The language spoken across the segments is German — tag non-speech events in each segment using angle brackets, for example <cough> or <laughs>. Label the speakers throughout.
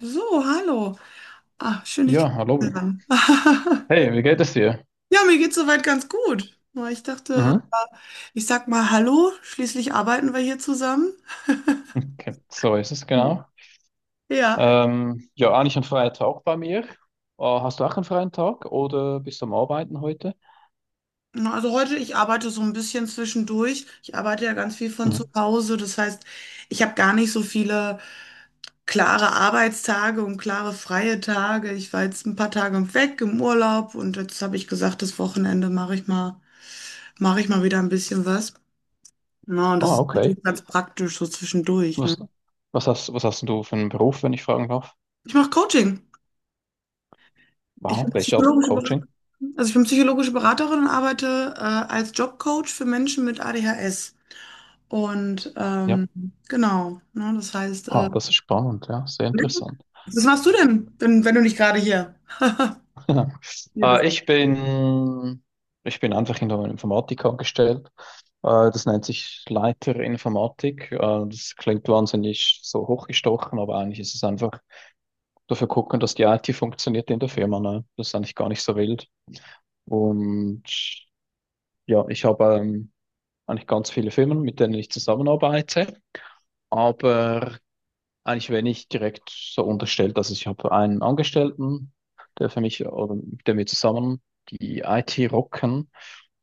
Speaker 1: So, hallo. Ah, schön, dich
Speaker 2: Ja, hallo.
Speaker 1: kennenzulernen. <laughs>
Speaker 2: Hey, wie geht es dir?
Speaker 1: Ja, mir geht's soweit ganz gut. Nur ich
Speaker 2: Mhm.
Speaker 1: dachte, ich sag mal hallo, schließlich arbeiten wir hier zusammen.
Speaker 2: Okay, so ist es
Speaker 1: Hm.
Speaker 2: genau.
Speaker 1: Ja,
Speaker 2: Ja, eigentlich ein freier Tag bei mir. Hast du auch einen freien Tag oder bist du am Arbeiten heute?
Speaker 1: na, also heute, ich arbeite so ein bisschen zwischendurch. Ich arbeite ja ganz viel von zu
Speaker 2: Mhm.
Speaker 1: Hause. Das heißt, ich habe gar nicht so viele klare Arbeitstage und klare freie Tage. Ich war jetzt ein paar Tage weg im Urlaub und jetzt habe ich gesagt, das Wochenende mache ich mal wieder ein bisschen was. Na, und das
Speaker 2: Ah,
Speaker 1: ist
Speaker 2: okay.
Speaker 1: natürlich ganz praktisch so zwischendurch, ne?
Speaker 2: Was, Was hast du für einen Beruf, wenn ich fragen darf?
Speaker 1: Ich mache Coaching. Ich
Speaker 2: Wow,
Speaker 1: bin
Speaker 2: welche Art von
Speaker 1: psychologische
Speaker 2: Coaching?
Speaker 1: Beraterin. Also ich bin psychologische Beraterin und arbeite als Jobcoach für Menschen mit ADHS. Und
Speaker 2: Ja,
Speaker 1: ähm, genau, ne, das heißt,
Speaker 2: ah, das ist spannend, ja, sehr interessant.
Speaker 1: was machst du denn, wenn du nicht gerade hier,
Speaker 2: <laughs>
Speaker 1: hier bist?
Speaker 2: Äh, ich bin, Ich bin einfach in der Informatik angestellt. Das nennt sich Leiter Informatik. Das klingt wahnsinnig so hochgestochen, aber eigentlich ist es einfach dafür gucken, dass die IT funktioniert in der Firma. Ne? Das ist eigentlich gar nicht so wild. Und ja, ich habe eigentlich ganz viele Firmen, mit denen ich zusammenarbeite. Aber eigentlich werde ich direkt so unterstellt, dass ich habe einen Angestellten, der für mich oder mit dem wir zusammen die IT rocken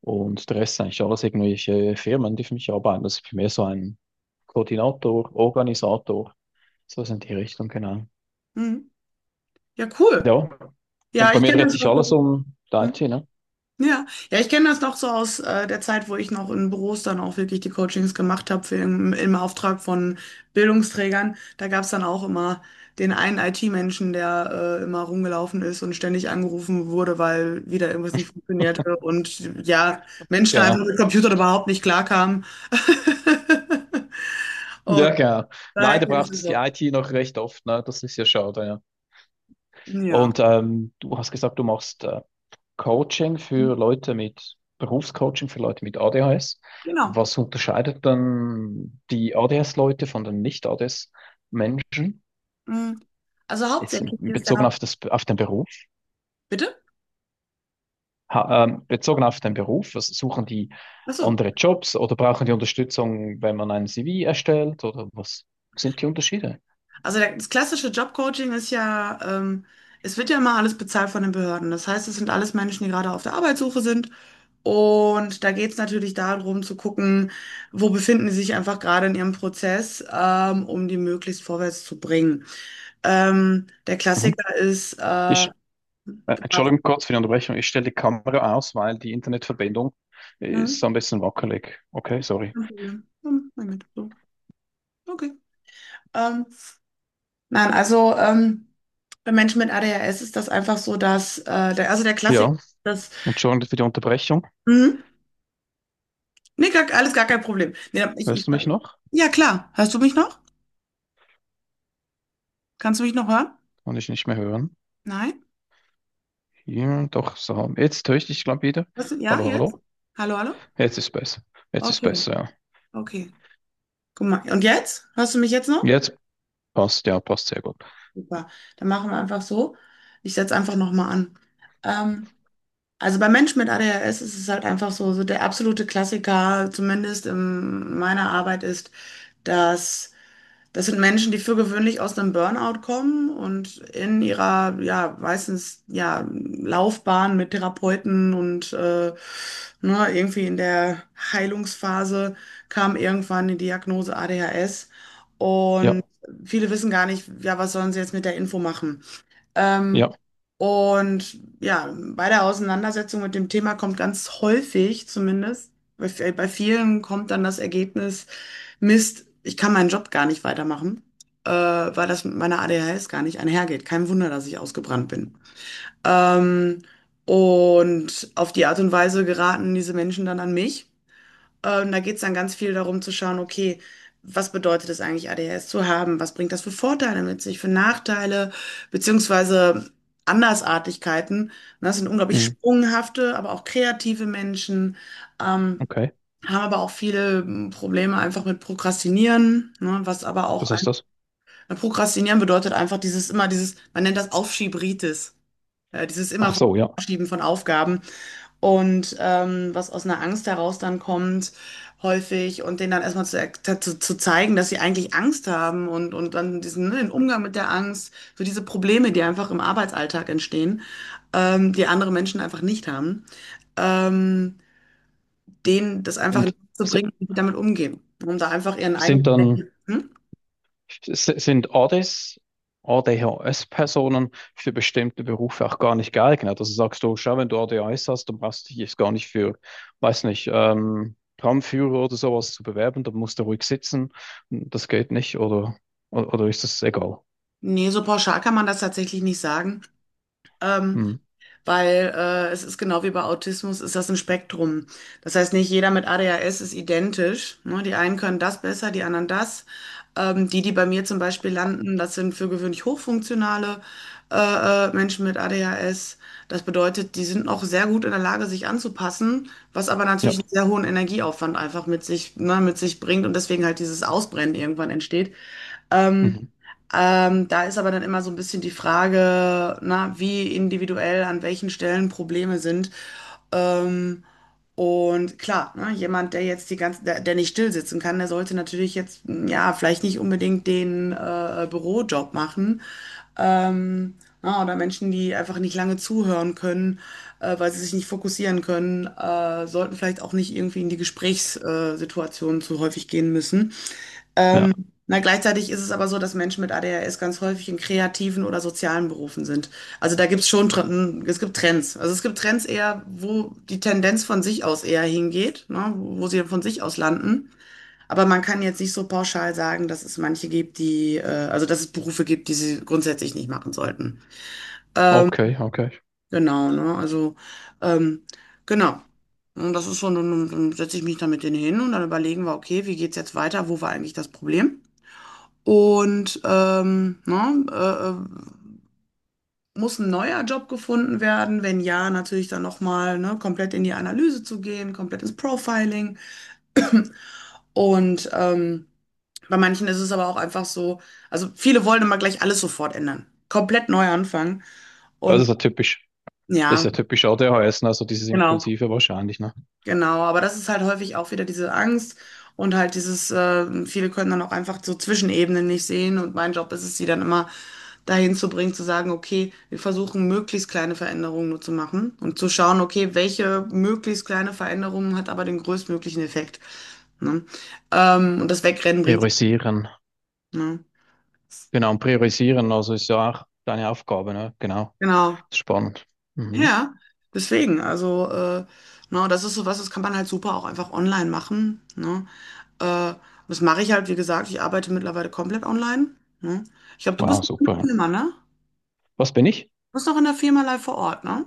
Speaker 2: und der Rest sind eigentlich alles irgendwelche Firmen, die für mich arbeiten. Das ist für mich so ein Koordinator, Organisator, so sind die Richtung, genau.
Speaker 1: Mhm. Ja, cool.
Speaker 2: Ja, und
Speaker 1: Ja,
Speaker 2: bei
Speaker 1: ich
Speaker 2: mir
Speaker 1: kenne
Speaker 2: dreht
Speaker 1: das
Speaker 2: sich
Speaker 1: auch.
Speaker 2: alles
Speaker 1: So.
Speaker 2: um die
Speaker 1: Hm?
Speaker 2: IT, ne?
Speaker 1: Ja, ja, ich kenne das noch so aus der Zeit, wo ich noch in Büros dann auch wirklich die Coachings gemacht habe für im Auftrag von Bildungsträgern. Da gab es dann auch immer den einen IT-Menschen, der immer rumgelaufen ist und ständig angerufen wurde, weil wieder irgendwas nicht funktionierte und ja, Menschen
Speaker 2: Genau.
Speaker 1: einfach mit Computern überhaupt nicht klarkamen. <laughs> Und
Speaker 2: Ja, genau.
Speaker 1: daher
Speaker 2: Leider
Speaker 1: kenne ich
Speaker 2: braucht es
Speaker 1: das
Speaker 2: die
Speaker 1: auch.
Speaker 2: IT noch recht oft, ne? Das ist ja schade, ja.
Speaker 1: Ja,
Speaker 2: Und du hast gesagt, du machst Coaching
Speaker 1: mhm,
Speaker 2: für Leute mit Berufscoaching für Leute mit ADHS.
Speaker 1: genau.
Speaker 2: Was unterscheidet dann die ADS-Leute von den Nicht-ADS-Menschen?
Speaker 1: Mhm. Also hauptsächlich ist
Speaker 2: Bezogen
Speaker 1: da,
Speaker 2: auf das, auf den Beruf.
Speaker 1: bitte?
Speaker 2: Bezogen auf den Beruf, was suchen die
Speaker 1: Achso.
Speaker 2: andere Jobs oder brauchen die Unterstützung, wenn man ein CV erstellt oder was sind die Unterschiede?
Speaker 1: Das klassische Jobcoaching ist ja, es wird ja immer alles bezahlt von den Behörden. Das heißt, es sind alles Menschen, die gerade auf der Arbeitssuche sind. Und da geht es natürlich darum zu gucken, wo befinden sie sich einfach gerade in ihrem Prozess, um die möglichst vorwärts zu bringen. Der
Speaker 2: Mhm.
Speaker 1: Klassiker ist,
Speaker 2: Ich, Entschuldigung kurz für die Unterbrechung. Ich stelle die Kamera aus, weil die Internetverbindung ist
Speaker 1: ne?
Speaker 2: so ein bisschen wackelig. Okay,
Speaker 1: Kein
Speaker 2: sorry.
Speaker 1: Problem. Hm, mein so. Okay. Ähm, nein, also bei Menschen mit ADHS ist das einfach so, dass also der Klassiker,
Speaker 2: Ja.
Speaker 1: dass.
Speaker 2: Entschuldigung für die Unterbrechung.
Speaker 1: Nee, gar, alles gar kein Problem. Nee,
Speaker 2: Hörst du mich noch?
Speaker 1: ja, klar. Hörst du mich noch? Kannst du mich noch hören?
Speaker 2: Kann ich nicht mehr hören.
Speaker 1: Nein?
Speaker 2: Ja, doch, so. Jetzt höre ich dich, glaube wieder.
Speaker 1: Hörst du, ja,
Speaker 2: Hallo,
Speaker 1: jetzt?
Speaker 2: hallo.
Speaker 1: Hallo, hallo?
Speaker 2: Jetzt ist besser. Jetzt ist
Speaker 1: Okay,
Speaker 2: besser, ja.
Speaker 1: okay. Guck mal. Und jetzt? Hörst du mich jetzt noch?
Speaker 2: Jetzt passt, ja, passt sehr gut.
Speaker 1: Super. Dann machen wir einfach so. Ich setze einfach nochmal an. Ähm, also bei Menschen mit ADHS ist es halt einfach so, so der absolute Klassiker, zumindest in meiner Arbeit, ist, dass. Das sind Menschen, die für gewöhnlich aus einem Burnout kommen und in ihrer, ja, meistens, ja, Laufbahn mit Therapeuten und ne, irgendwie in der Heilungsphase kam irgendwann die Diagnose ADHS. Und
Speaker 2: Ja,
Speaker 1: viele wissen gar nicht, ja, was sollen sie jetzt mit der Info machen? Ähm,
Speaker 2: ja.
Speaker 1: und ja, bei der Auseinandersetzung mit dem Thema kommt ganz häufig zumindest, bei vielen kommt dann das Ergebnis, Mist, ich kann meinen Job gar nicht weitermachen, weil das mit meiner ADHS gar nicht einhergeht. Kein Wunder, dass ich ausgebrannt bin. Ähm, und auf die Art und Weise geraten diese Menschen dann an mich. Da geht es dann ganz viel darum zu schauen, okay, was bedeutet es eigentlich, ADHS zu haben? Was bringt das für Vorteile mit sich, für Nachteile, beziehungsweise Andersartigkeiten? Und das sind unglaublich
Speaker 2: Mhm,
Speaker 1: sprunghafte, aber auch kreative Menschen, ähm,
Speaker 2: okay.
Speaker 1: haben aber auch viele Probleme einfach mit Prokrastinieren, ne, was aber auch
Speaker 2: Was heißt
Speaker 1: ein,
Speaker 2: das?
Speaker 1: Prokrastinieren bedeutet einfach dieses immer dieses, man nennt das Aufschieberitis, dieses immer
Speaker 2: Ach
Speaker 1: von
Speaker 2: so, ja.
Speaker 1: Aufschieben von Aufgaben und was aus einer Angst heraus dann kommt, häufig und denen dann erstmal zu zeigen, dass sie eigentlich Angst haben und dann diesen, ne, den Umgang mit der Angst, so diese Probleme, die einfach im Arbeitsalltag entstehen, die andere Menschen einfach nicht haben, ähm, denen das einfach in den
Speaker 2: Sind,
Speaker 1: Kopf zu
Speaker 2: si-
Speaker 1: bringen, wie sie damit umgehen, um da einfach ihren eigenen,
Speaker 2: sind dann,
Speaker 1: hm?
Speaker 2: S- Sind ADES, A D H S personen für bestimmte Berufe auch gar nicht geeignet? Also sagst du, schau, wenn du A D H S hast, dann brauchst du dich jetzt gar nicht für, weiß nicht, Tramführer oder sowas zu bewerben, dann musst du ruhig sitzen. Das geht nicht, oder, ist das egal?
Speaker 1: Nee, so pauschal kann man das tatsächlich nicht sagen. Ähm,
Speaker 2: Hm.
Speaker 1: weil es ist genau wie bei Autismus, ist das ein Spektrum. Das heißt, nicht jeder mit ADHS ist identisch. Ne? Die einen können das besser, die anderen das. Die bei mir zum Beispiel landen, das sind für gewöhnlich hochfunktionale Menschen mit ADHS. Das bedeutet, die sind auch sehr gut in der Lage, sich anzupassen, was aber natürlich
Speaker 2: Ja.
Speaker 1: einen sehr hohen Energieaufwand einfach mit sich, ne, mit sich bringt und deswegen halt dieses Ausbrennen irgendwann entsteht. Ähm,
Speaker 2: Mhm.
Speaker 1: da ist aber dann immer so ein bisschen die Frage, na, wie individuell an welchen Stellen Probleme sind. Ähm, und klar, ne, jemand, der jetzt die ganze, der, der nicht still sitzen kann, der sollte natürlich jetzt, ja, vielleicht nicht unbedingt den Bürojob machen. Ähm, na, oder Menschen, die einfach nicht lange zuhören können, weil sie sich nicht fokussieren können, sollten vielleicht auch nicht irgendwie in die Gesprächssituationen zu häufig gehen müssen.
Speaker 2: Ja.
Speaker 1: Na, gleichzeitig ist es aber so, dass Menschen mit ADHS ganz häufig in kreativen oder sozialen Berufen sind. Also da gibt's schon, es gibt Trends. Also es gibt Trends eher, wo die Tendenz von sich aus eher hingeht, ne, wo sie von sich aus landen. Aber man kann jetzt nicht so pauschal sagen, dass es manche gibt, also dass es Berufe gibt, die sie grundsätzlich nicht machen sollten.
Speaker 2: Okay, okay.
Speaker 1: Genau, ne? Also, ähm, genau. Und das ist so, dann setze ich mich da mit denen hin und dann überlegen wir, okay, wie geht's jetzt weiter? Wo war eigentlich das Problem? Und, muss ein neuer Job gefunden werden? Wenn ja, natürlich dann noch mal, ne, komplett in die Analyse zu gehen, komplett ins Profiling. <clears throat> Und, bei manchen ist es aber auch einfach so also, viele wollen immer gleich alles sofort ändern, komplett neu anfangen
Speaker 2: Ja, das
Speaker 1: und
Speaker 2: ist ja typisch. Das ist
Speaker 1: ja,
Speaker 2: ja typisch A D ADHS, ne? Also dieses
Speaker 1: genau.
Speaker 2: Impulsive wahrscheinlich, ne?
Speaker 1: Genau, aber das ist halt häufig auch wieder diese Angst und halt dieses, viele können dann auch einfach so Zwischenebenen nicht sehen und mein Job ist es, sie dann immer dahin zu bringen, zu sagen, okay, wir versuchen möglichst kleine Veränderungen nur zu machen und zu schauen, okay, welche möglichst kleine Veränderung hat aber den größtmöglichen Effekt, ne? Und das Wegrennen bringt,
Speaker 2: Priorisieren.
Speaker 1: ne?
Speaker 2: Genau, und priorisieren, also ist ja auch deine Aufgabe, ne? Genau.
Speaker 1: Genau,
Speaker 2: Spannend. Mhm.
Speaker 1: ja, deswegen, also, na, das ist sowas, das kann man halt super auch einfach online machen, ne? Äh, das mache ich halt, wie gesagt, ich arbeite mittlerweile komplett online. Ne? Ich glaube, du
Speaker 2: Wow,
Speaker 1: bist noch in
Speaker 2: super,
Speaker 1: der
Speaker 2: ja.
Speaker 1: Firma, ne?
Speaker 2: Was bin ich?
Speaker 1: Du bist noch in der Firma live vor Ort, ne?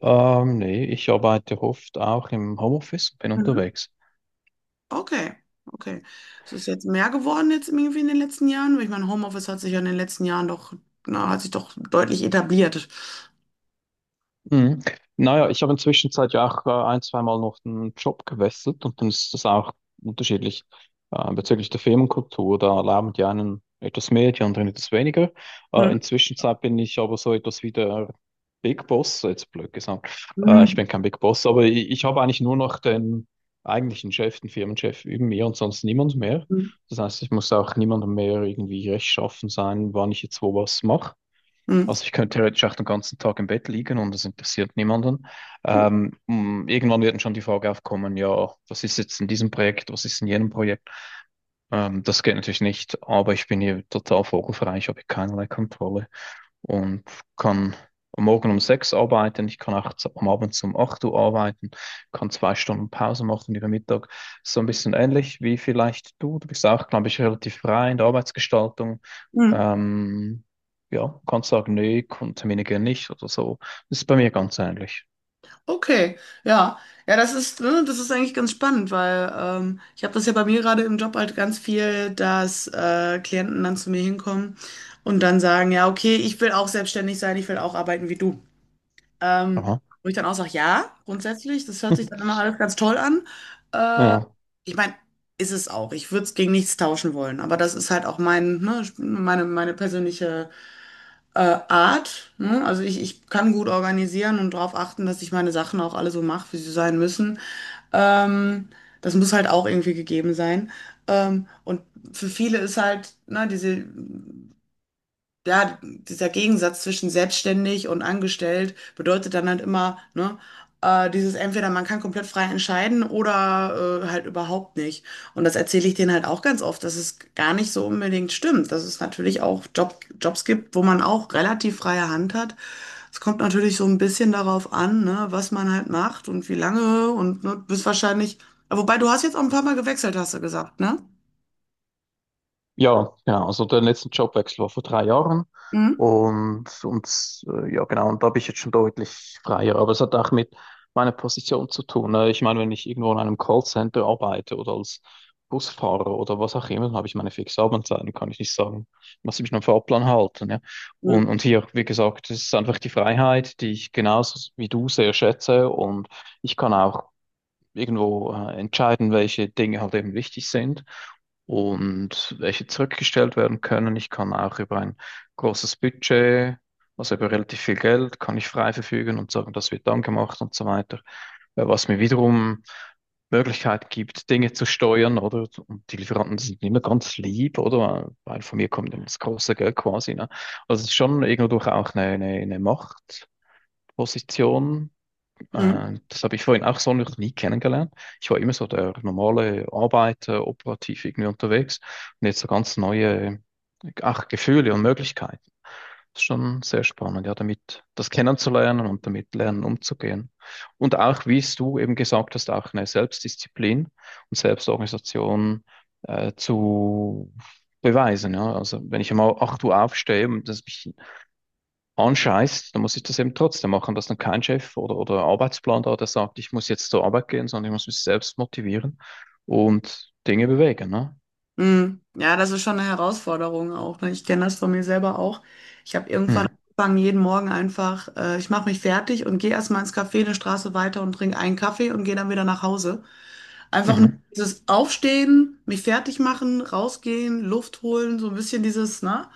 Speaker 2: Nee, ich arbeite oft auch im Homeoffice, und bin
Speaker 1: Mhm.
Speaker 2: unterwegs.
Speaker 1: Okay, okay. Ist es jetzt mehr geworden jetzt irgendwie in den letzten Jahren? Weil ich meine, Homeoffice hat sich ja in den letzten Jahren doch, na, hat sich doch deutlich etabliert.
Speaker 2: Mhm. Naja, ich habe inzwischen seit ja auch ein, zweimal noch den Job gewechselt und dann ist das auch unterschiedlich bezüglich der Firmenkultur. Da erlauben die einen etwas mehr, die anderen etwas weniger.
Speaker 1: Mhm.
Speaker 2: Inzwischen Zeit bin ich aber so etwas wie der Big Boss, jetzt blöd gesagt. Ich
Speaker 1: Mhm.
Speaker 2: bin kein Big Boss, aber ich habe eigentlich nur noch den eigentlichen Chef, den Firmenchef über mir und sonst niemand mehr. Das heißt, ich muss auch niemandem mehr irgendwie rechtschaffen sein, wann ich jetzt wo was mache.
Speaker 1: Mhm.
Speaker 2: Also ich könnte theoretisch auch den ganzen Tag im Bett liegen und das interessiert niemanden. Irgendwann wird schon die Frage aufkommen, ja, was ist jetzt in diesem Projekt, was ist in jenem Projekt? Das geht natürlich nicht, aber ich bin hier total vogelfrei, ich habe hier keinerlei Kontrolle und kann am morgen um 6 arbeiten, ich kann nachts am Abend um 8 Uhr arbeiten, kann 2 Stunden Pause machen über Mittag. So ein bisschen ähnlich wie vielleicht du. Du bist auch, glaube ich, relativ frei in der Arbeitsgestaltung.
Speaker 1: Mhm.
Speaker 2: Ähm, ja, kannst sagen, nee, Termine gehen nicht oder so. Das ist bei mir ganz ähnlich.
Speaker 1: Okay, ja. Ja, das ist, ne, das ist eigentlich ganz spannend, weil ich habe das ja bei mir gerade im Job halt ganz viel, dass Klienten dann zu mir hinkommen und dann sagen, ja, okay, ich will auch selbstständig sein, ich will auch arbeiten wie du. Ähm,
Speaker 2: Aha.
Speaker 1: wo ich dann auch sage, ja, grundsätzlich, das hört sich dann immer
Speaker 2: <laughs>
Speaker 1: alles ganz toll an. Äh,
Speaker 2: Ja.
Speaker 1: ich meine, ist es auch. Ich würde es gegen nichts tauschen wollen, aber das ist halt auch mein, ne, meine persönliche Art. Ne? Also ich kann gut organisieren und darauf achten, dass ich meine Sachen auch alle so mache, wie sie sein müssen. Ähm, das muss halt auch irgendwie gegeben sein. Und für viele ist halt, ne, dieser Gegensatz zwischen selbstständig und angestellt bedeutet dann halt immer, ne, dieses entweder man kann komplett frei entscheiden oder halt überhaupt nicht. Und das erzähle ich denen halt auch ganz oft, dass es gar nicht so unbedingt stimmt, dass es natürlich auch Jobs gibt, wo man auch relativ freie Hand hat. Es kommt natürlich so ein bisschen darauf an, ne, was man halt macht und wie lange und ne, du bist wahrscheinlich, wobei du hast jetzt auch ein paar Mal gewechselt, hast du gesagt, ne?
Speaker 2: Ja, genau. Also der letzte Jobwechsel war vor 3 Jahren
Speaker 1: Mhm.
Speaker 2: und ja genau, und da bin ich jetzt schon deutlich freier. Aber es hat auch mit meiner Position zu tun, ne? Ich meine, wenn ich irgendwo in einem Callcenter arbeite oder als Busfahrer oder was auch immer, dann habe ich meine fixe Arbeitszeiten, kann ich nicht sagen, muss ich mich an den Fahrplan halten. Ja? Und,
Speaker 1: Mhm.
Speaker 2: und hier, wie gesagt, es ist einfach die Freiheit, die ich genauso wie du sehr schätze und ich kann auch irgendwo entscheiden, welche Dinge halt eben wichtig sind und welche zurückgestellt werden können. Ich kann auch über ein großes Budget, also über relativ viel Geld, kann ich frei verfügen und sagen, das wird dann gemacht und so weiter. Was mir wiederum Möglichkeit gibt, Dinge zu steuern, oder? Und die Lieferanten sind immer ganz lieb, oder? Weil von mir kommt immer das große Geld quasi, ne? Also es ist schon irgendwo durch auch eine Machtposition, das habe ich vorhin auch so noch nie kennengelernt. Ich war immer so der normale Arbeiter, operativ irgendwie unterwegs und jetzt so ganz neue, ach, Gefühle und Möglichkeiten. Das ist schon sehr spannend, ja, damit das kennenzulernen und damit lernen umzugehen. Und auch, wie es du eben gesagt hast, auch eine Selbstdisziplin und Selbstorganisation zu beweisen. Ja. Also wenn ich einmal 8 Uhr aufstehe und das mich anscheißt, dann muss ich das eben trotzdem machen, dass dann kein Chef oder Arbeitsplan da, der sagt, ich muss jetzt zur Arbeit gehen, sondern ich muss mich selbst motivieren und Dinge bewegen, ne?
Speaker 1: Mm. Ja, das ist schon eine Herausforderung auch. Ne? Ich kenne das von mir selber auch. Ich habe irgendwann
Speaker 2: Hm.
Speaker 1: angefangen, jeden Morgen einfach, ich mache mich fertig und gehe erstmal ins Café eine Straße weiter und trinke einen Kaffee und gehe dann wieder nach Hause. Einfach nur
Speaker 2: Mhm.
Speaker 1: dieses Aufstehen, mich fertig machen, rausgehen, Luft holen, so ein bisschen dieses, ne,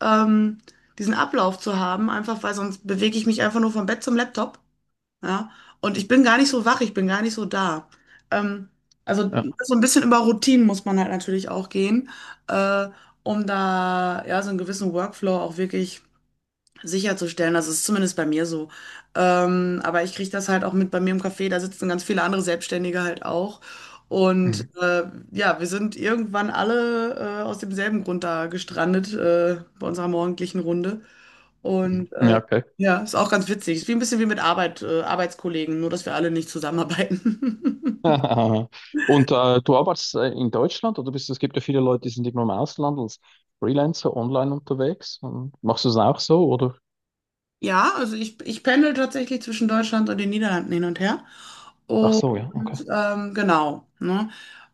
Speaker 1: ähm, diesen Ablauf zu haben, einfach weil sonst bewege ich mich einfach nur vom Bett zum Laptop. Ja? Und ich bin gar nicht so wach, ich bin gar nicht so da. Ähm, also
Speaker 2: Ja.
Speaker 1: so ein bisschen über Routinen muss man halt natürlich auch gehen, äh, um da ja so einen gewissen Workflow auch wirklich sicherzustellen. Das ist zumindest bei mir so. Aber ich kriege das halt auch mit bei mir im Café, da sitzen ganz viele andere Selbstständige halt auch. Und
Speaker 2: Mhm.
Speaker 1: ja, wir sind irgendwann alle aus demselben Grund da gestrandet bei unserer morgendlichen Runde.
Speaker 2: Mhm.
Speaker 1: Und
Speaker 2: Ja, okay.
Speaker 1: ja, ist auch ganz witzig. Ist wie ein bisschen wie mit Arbeit, Arbeitskollegen, nur dass wir alle nicht zusammenarbeiten. <laughs>
Speaker 2: <laughs> Du arbeitest in Deutschland oder bist, es gibt ja viele Leute, die sind immer im Ausland als Freelancer online unterwegs. Und machst du es auch so oder?
Speaker 1: Ja, also ich pendel tatsächlich zwischen Deutschland und den Niederlanden hin und her.
Speaker 2: Ach
Speaker 1: Und
Speaker 2: so, ja, okay.
Speaker 1: genau, ne?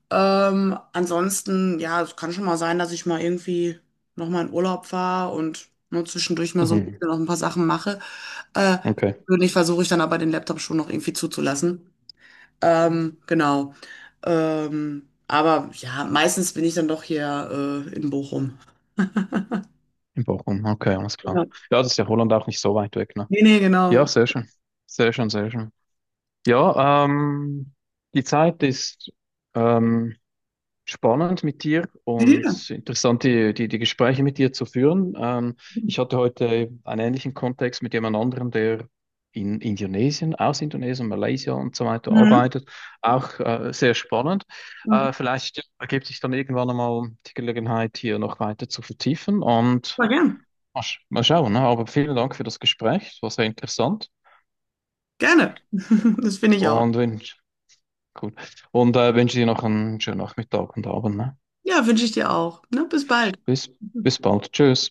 Speaker 1: Ansonsten, ja, es kann schon mal sein, dass ich mal irgendwie nochmal in Urlaub fahre und nur zwischendurch mal so ein
Speaker 2: Mhm.
Speaker 1: bisschen noch ein paar Sachen mache. Äh,
Speaker 2: Okay.
Speaker 1: persönlich versuche ich dann aber den Laptop schon noch irgendwie zuzulassen. Genau. Aber ja, meistens bin ich dann doch hier in Bochum.
Speaker 2: In Bochum, okay, alles klar.
Speaker 1: Ja.
Speaker 2: Ja, das ist ja Holland auch nicht so weit weg, ne?
Speaker 1: Nee, nee, genau.
Speaker 2: Ja, sehr schön. Sehr schön, sehr schön. Ja, die Zeit ist ähm, spannend mit dir
Speaker 1: Ja.
Speaker 2: und interessant, die Gespräche mit dir zu führen. Ich hatte heute einen ähnlichen Kontext mit jemand anderem, der in Indonesien, aus Indonesien, Malaysia und so weiter
Speaker 1: Mhm.
Speaker 2: arbeitet. Auch sehr spannend.
Speaker 1: Mhm.
Speaker 2: Vielleicht ergibt sich dann irgendwann einmal die Gelegenheit, hier noch weiter zu vertiefen und
Speaker 1: Voll gern.
Speaker 2: mal schauen. Ne? Aber vielen Dank für das Gespräch. Es war sehr interessant.
Speaker 1: Gerne. <laughs> Das finde ich auch.
Speaker 2: Und wenn Cool. Wünsche dir noch einen schönen Nachmittag und Abend, ne?
Speaker 1: Ja, wünsche ich dir auch. Ne? Bis bald.
Speaker 2: Bis, Bis bald. Tschüss.